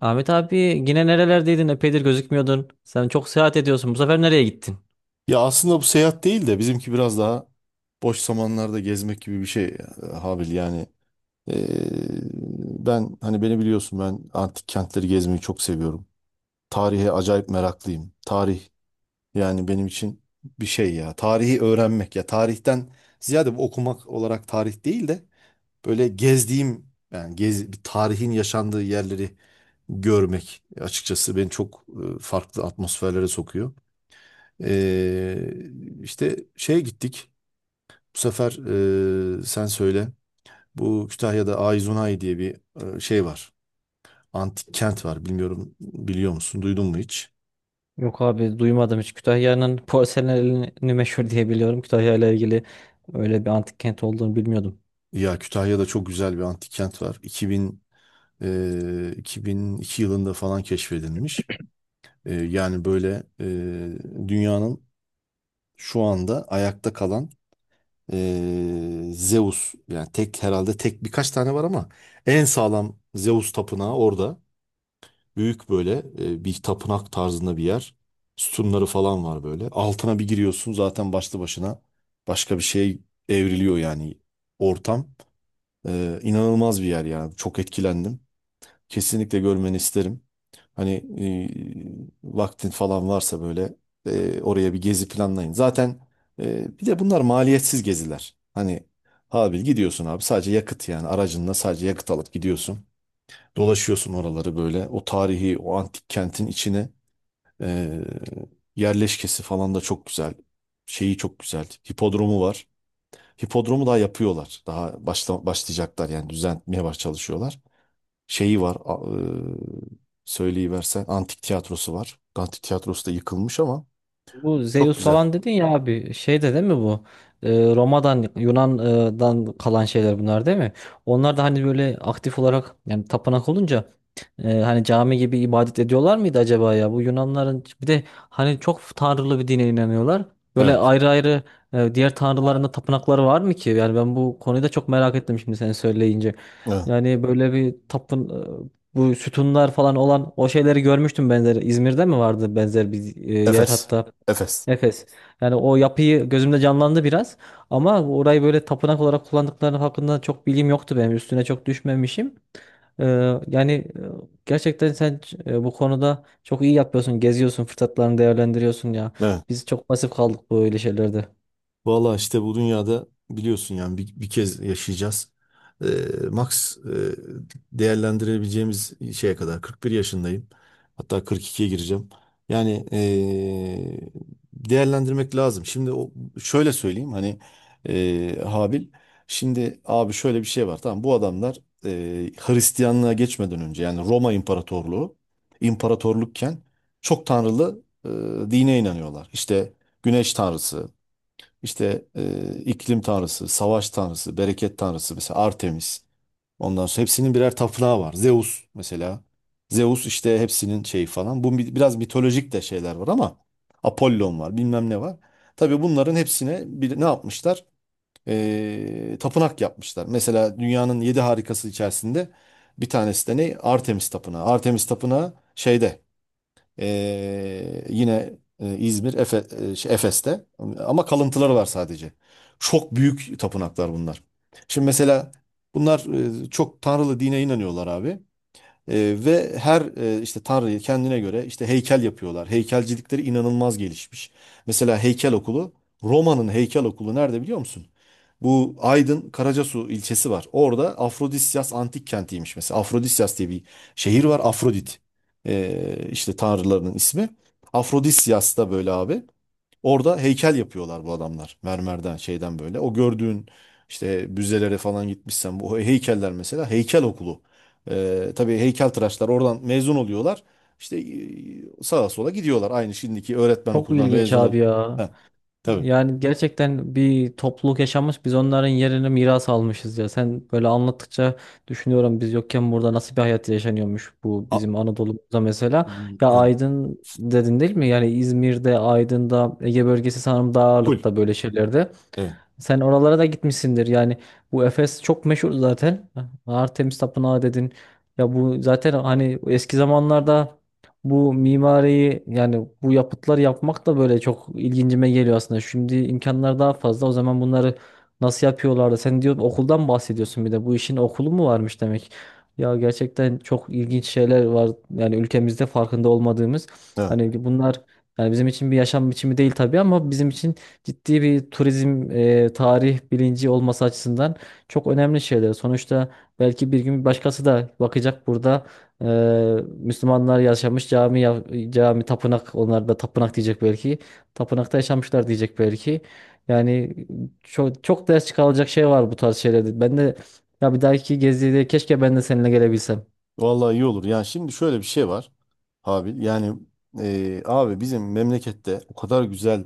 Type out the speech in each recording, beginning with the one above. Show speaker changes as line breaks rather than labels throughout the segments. Ahmet abi, yine nerelerdeydin? Epeydir gözükmüyordun. Sen çok seyahat ediyorsun. Bu sefer nereye gittin?
Ya aslında bu seyahat değil de bizimki biraz daha boş zamanlarda gezmek gibi bir şey Habil yani. Ee, Ben hani beni biliyorsun ben antik kentleri gezmeyi çok seviyorum. Tarihe acayip meraklıyım. Tarih yani benim için bir şey ya. Tarihi öğrenmek ya. Tarihten ziyade bu okumak olarak tarih değil de böyle gezdiğim yani bir tarihin yaşandığı yerleri görmek açıkçası beni çok farklı atmosferlere sokuyor. Ee, işte şeye gittik. Bu sefer sen söyle. Bu Kütahya'da Ayzunay diye bir şey var. Antik kent var. Bilmiyorum biliyor musun? Duydun mu hiç?
Yok abi, duymadım hiç. Kütahya'nın porselenini meşhur diye biliyorum. Kütahya ile ilgili öyle bir antik kent olduğunu bilmiyordum.
Ya Kütahya'da çok güzel bir antik kent var. 2000 2002 yılında falan keşfedilmiş. Yani böyle dünyanın şu anda ayakta kalan Zeus yani tek herhalde tek birkaç tane var ama en sağlam Zeus tapınağı orada. Büyük böyle bir tapınak tarzında bir yer. Sütunları falan var böyle. Altına bir giriyorsun zaten başlı başına başka bir şey evriliyor yani ortam. İnanılmaz bir yer ya. Çok etkilendim. Kesinlikle görmeni isterim. Hani vaktin falan varsa böyle oraya bir gezi planlayın. Zaten bir de bunlar maliyetsiz geziler. Hani abi gidiyorsun abi sadece yakıt yani aracınla sadece yakıt alıp gidiyorsun. Dolaşıyorsun oraları böyle. O tarihi, o antik kentin içine e, yerleşkesi falan da çok güzel. Şeyi çok güzel. Hipodromu var. Hipodromu daha yapıyorlar. Daha başlayacaklar yani düzenlemeye çalışıyorlar. Şeyi var. Söyleyiversen antik tiyatrosu var. Antik tiyatrosu da yıkılmış ama
Bu
çok
Zeus
güzel.
falan dedin ya abi, şey de değil mi bu? Ee, Roma'dan Yunan'dan kalan şeyler bunlar değil mi? Onlar da hani böyle aktif olarak yani tapınak olunca hani cami gibi ibadet ediyorlar mıydı acaba ya? Bu Yunanların bir de hani çok tanrılı bir dine inanıyorlar. Böyle
Evet.
ayrı ayrı diğer tanrıların da tapınakları var mı ki? Yani ben bu konuyu da çok merak ettim şimdi sen söyleyince.
Evet.
Yani böyle bir tapın e, bu sütunlar falan olan o şeyleri görmüştüm benzer. İzmir'de mi vardı benzer bir yer
Efes.
hatta?
Efes.
Efes. Yani o yapıyı gözümde canlandı biraz, ama orayı böyle tapınak olarak kullandıkları hakkında çok bilgim yoktu benim. Üstüne çok düşmemişim. Ee, yani e, gerçekten sen bu konuda çok iyi yapıyorsun. Geziyorsun, fırsatlarını değerlendiriyorsun ya.
Evet.
Biz çok pasif kaldık böyle şeylerde.
Valla işte bu dünyada biliyorsun yani bir kez yaşayacağız. Ee, Max değerlendirebileceğimiz şeye kadar 41 yaşındayım. Hatta 42'ye gireceğim. Yani değerlendirmek lazım. Şimdi o, şöyle söyleyeyim hani Habil. Şimdi abi şöyle bir şey var. Tamam bu adamlar Hristiyanlığa geçmeden önce yani Roma İmparatorluğu imparatorlukken çok tanrılı dine inanıyorlar. İşte Güneş tanrısı, işte iklim tanrısı, savaş tanrısı, bereket tanrısı mesela Artemis. Ondan sonra hepsinin birer tapınağı var. Zeus mesela. Zeus işte hepsinin şeyi falan. Bu biraz mitolojik de şeyler var ama Apollon var, bilmem ne var. Tabii bunların hepsine bir, ne yapmışlar? Tapınak yapmışlar. Mesela dünyanın yedi harikası içerisinde bir tanesi de ne? Artemis Tapınağı. Artemis Tapınağı şeyde yine İzmir, şey, Efes'te ama kalıntıları var sadece. Çok büyük tapınaklar bunlar. Şimdi mesela bunlar çok tanrılı dine inanıyorlar abi. Ve her işte tanrıyı kendine göre işte heykel yapıyorlar. Heykelcilikleri inanılmaz gelişmiş. Mesela heykel okulu Roma'nın heykel okulu nerede biliyor musun? Bu Aydın Karacasu ilçesi var. Orada Afrodisyas antik kentiymiş mesela. Afrodisyas diye bir şehir var. Afrodit e, işte tanrılarının ismi. Afrodisyas da böyle abi. Orada heykel yapıyorlar bu adamlar. Mermerden, şeyden böyle. O gördüğün işte müzelere falan gitmişsen bu heykeller mesela heykel okulu. Tabii heykeltıraşlar oradan mezun oluyorlar. İşte sağa sola gidiyorlar. Aynı şimdiki öğretmen
Çok
okulundan
ilginç
mezun ol.
abi ya.
Ha, tabii.
Yani gerçekten bir topluluk yaşamış, biz onların yerini miras almışız ya. Sen böyle anlattıkça düşünüyorum, biz yokken burada nasıl bir hayat yaşanıyormuş bu
A-
bizim Anadolu'da mesela. Ya
evet.
Aydın dedin değil mi? Yani İzmir'de, Aydın'da, Ege bölgesi sanırım daha
Full.
ağırlıkta böyle şeylerde.
Evet.
Sen oralara da gitmişsindir. Yani bu Efes çok meşhur zaten. Artemis Tapınağı dedin. Ya bu zaten hani eski zamanlarda bu mimariyi, yani bu yapıtlar yapmak da böyle çok ilgincime geliyor aslında. Şimdi imkanlar daha fazla. O zaman bunları nasıl yapıyorlardı? Sen diyor okuldan bahsediyorsun bir de. Bu işin okulu mu varmış demek? Ya gerçekten çok ilginç şeyler var. Yani ülkemizde farkında olmadığımız.
Evet.
Hani bunlar yani bizim için bir yaşam biçimi değil tabii, ama bizim için ciddi bir turizm, tarih bilinci olması açısından çok önemli şeyler. Sonuçta belki bir gün başkası da bakacak burada, e, Müslümanlar yaşamış, cami ya- cami tapınak, onlar da tapınak diyecek belki. Tapınakta yaşamışlar diyecek belki. Yani çok çok ders çıkarılacak şey var bu tarz şeylerde. Ben de, ya bir dahaki gezide keşke ben de seninle gelebilsem.
Vallahi iyi olur. Yani şimdi şöyle bir şey var Habil. Yani abi bizim memlekette o kadar güzel,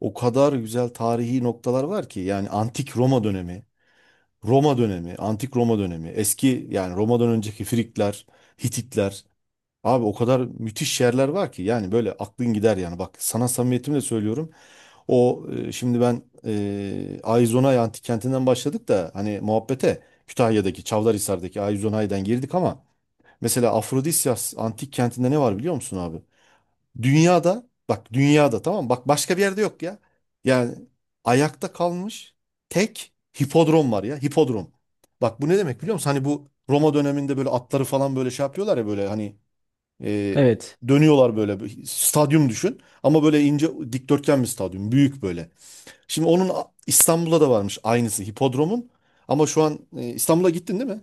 o kadar güzel tarihi noktalar var ki yani antik Roma dönemi Roma dönemi, antik Roma dönemi, eski yani Roma'dan önceki Frikler, Hititler. Abi o kadar müthiş yerler var ki yani böyle aklın gider yani. Bak sana samimiyetimle söylüyorum. O şimdi ben Ayzonay antik kentinden başladık da hani muhabbete Kütahya'daki Çavdarhisar'daki Ayzonay'dan girdik ama mesela Afrodisyas antik kentinde ne var biliyor musun abi? Dünyada bak dünyada tamam mı? Bak başka bir yerde yok ya. Yani ayakta kalmış tek hipodrom var ya hipodrom. Bak bu ne demek biliyor musun? Hani bu Roma döneminde böyle atları falan böyle şey yapıyorlar ya böyle hani e,
Evet.
dönüyorlar böyle bir stadyum düşün. Ama böyle ince dikdörtgen bir stadyum büyük böyle. Şimdi onun İstanbul'da da varmış aynısı hipodromun. Ama şu an İstanbul'a gittin değil mi?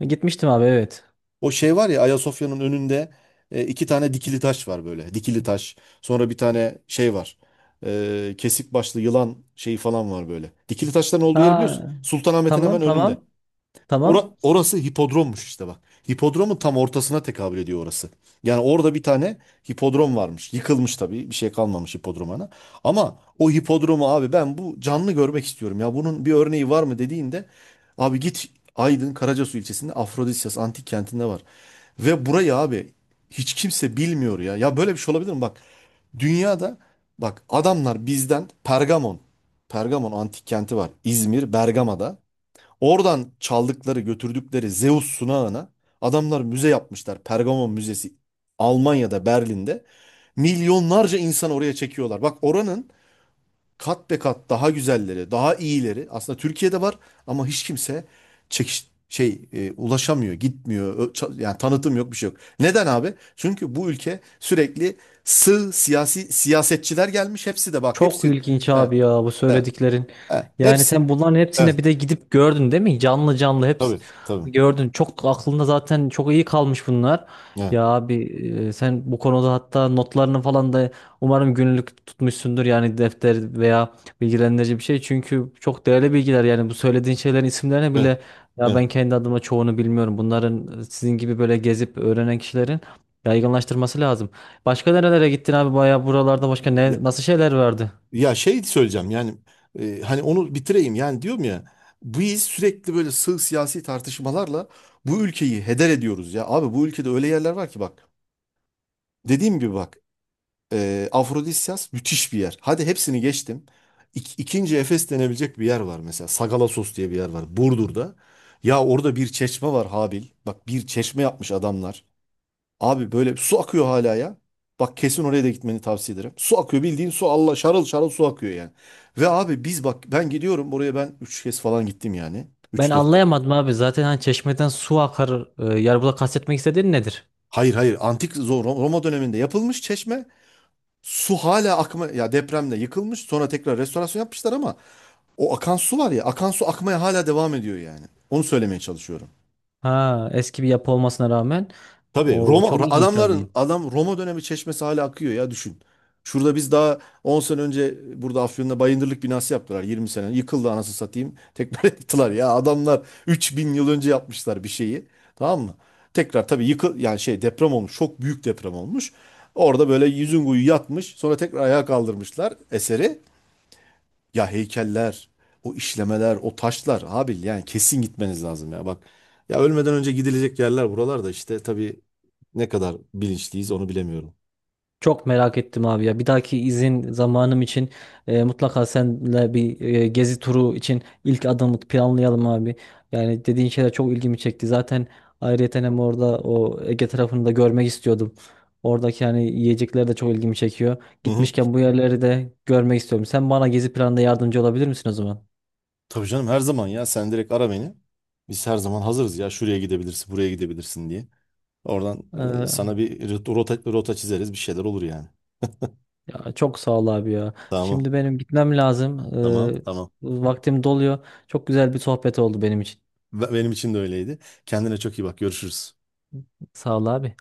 Gitmiştim abi, evet.
O şey var ya Ayasofya'nın önünde iki tane dikili taş var böyle. Dikili taş. Sonra bir tane şey var. Kesik başlı yılan şeyi falan var böyle. Dikili taşların olduğu yeri biliyorsun.
Ha,
Sultanahmet'in
tamam
hemen önünde.
tamam. Tamam.
Orası hipodrommuş işte bak. Hipodromun tam ortasına tekabül ediyor orası. Yani orada bir tane hipodrom varmış. Yıkılmış tabii. Bir şey kalmamış hipodromana. Ama o hipodromu abi ben bu canlı görmek istiyorum. Ya bunun bir örneği var mı dediğinde abi git Aydın Karacasu ilçesinde Afrodisyas antik kentinde var. Ve burayı abi hiç kimse bilmiyor ya. Ya böyle bir şey olabilir mi? Bak dünyada bak adamlar bizden Pergamon. Pergamon antik kenti var. İzmir, Bergama'da. Oradan çaldıkları, götürdükleri Zeus sunağına adamlar müze yapmışlar. Pergamon Müzesi Almanya'da, Berlin'de. Milyonlarca insan oraya çekiyorlar. Bak oranın kat be kat daha güzelleri, daha iyileri aslında Türkiye'de var ama hiç kimse ulaşamıyor, gitmiyor. Yani tanıtım yok, bir şey yok. Neden abi? Çünkü bu ülke sürekli sığ siyasi siyasetçiler gelmiş. Hepsi de bak, çok
Çok
hepsi var,
ilginç
evet,
abi
abi.
ya bu
Evet,
söylediklerin.
evet,
Yani
hepsi,
sen bunların
evet,
hepsine bir
hepsini,
de gidip gördün değil mi? Canlı canlı hepsi
tabii, tabii.
gördün. Çok aklında zaten çok iyi kalmış bunlar.
Evet,
Ya abi, sen bu konuda hatta notlarını falan da umarım günlük tutmuşsundur, yani defter veya bilgilendirici bir şey. Çünkü çok değerli bilgiler, yani bu söylediğin şeylerin isimlerine
evet,
bile, ya
öyle.
ben kendi adıma çoğunu bilmiyorum. Bunların, sizin gibi böyle gezip öğrenen kişilerin yaygınlaştırması lazım. Başka nerelere gittin abi, bayağı buralarda başka ne
Evet.
nasıl şeyler vardı?
Ya şey söyleyeceğim yani hani onu bitireyim yani diyorum ya biz sürekli böyle sığ siyasi tartışmalarla bu ülkeyi heder ediyoruz ya. Abi bu ülkede öyle yerler var ki bak dediğim gibi bak Afrodisyas müthiş bir yer. Hadi hepsini geçtim. İk, ikinci Efes denebilecek bir yer var mesela Sagalassos diye bir yer var Burdur'da. Ya orada bir çeşme var Habil. Bak bir çeşme yapmış adamlar. Abi böyle su akıyor hala ya. Bak kesin oraya da gitmeni tavsiye ederim. Su akıyor bildiğin su Allah şarıl şarıl su akıyor yani. Ve abi biz bak ben gidiyorum oraya ben üç kez falan gittim yani.
Ben
Üç dört kez.
anlayamadım abi zaten, hani çeşmeden su akar, yani burada kastetmek istediğin nedir?
Hayır, hayır, antik Roma döneminde yapılmış çeşme. Su hala akma ya depremde yıkılmış sonra tekrar restorasyon yapmışlar ama o akan su var ya akan su akmaya hala devam ediyor yani. Onu söylemeye çalışıyorum.
Ha, eski bir yapı olmasına rağmen
Tabii
o
Roma
çok ilginç abi.
adamların adam Roma dönemi çeşmesi hala akıyor ya düşün. Şurada biz daha 10 sene önce burada Afyon'da Bayındırlık binası yaptılar 20 sene. Yıkıldı anasını satayım. Tekrar yaptılar ya adamlar 3.000 yıl önce yapmışlar bir şeyi. Tamam mı? Tekrar tabii yani şey deprem olmuş. Çok büyük deprem olmuş. Orada böyle yüzün kuyu yatmış. Sonra tekrar ayağa kaldırmışlar eseri. Ya heykeller, o işlemeler, o taşlar abi yani kesin gitmeniz lazım ya. Bak ya ölmeden önce gidilecek yerler buralarda işte tabii ne kadar bilinçliyiz onu bilemiyorum.
Çok merak ettim abi ya. Bir dahaki izin zamanım için mutlaka seninle bir gezi turu için ilk adımı planlayalım abi. Yani dediğin şeyler çok ilgimi çekti. Zaten ayrıyeten hem orada o Ege tarafını da görmek istiyordum. Oradaki yani yiyecekler de çok ilgimi çekiyor.
Hı hı.
Gitmişken bu yerleri de görmek istiyorum. Sen bana gezi planında yardımcı olabilir misin o zaman?
Tabii canım her zaman ya sen direkt ara beni. Biz her zaman hazırız ya şuraya gidebilirsin, buraya gidebilirsin diye. Oradan
Ee,
sana bir rota çizeriz bir şeyler olur yani.
ya çok sağ ol abi ya.
Tamam.
Şimdi benim gitmem lazım.
Tamam,
Ee,
tamam.
vaktim doluyor. Çok güzel bir sohbet oldu benim için.
Benim için de öyleydi. Kendine çok iyi bak. Görüşürüz.
Sağ ol abi.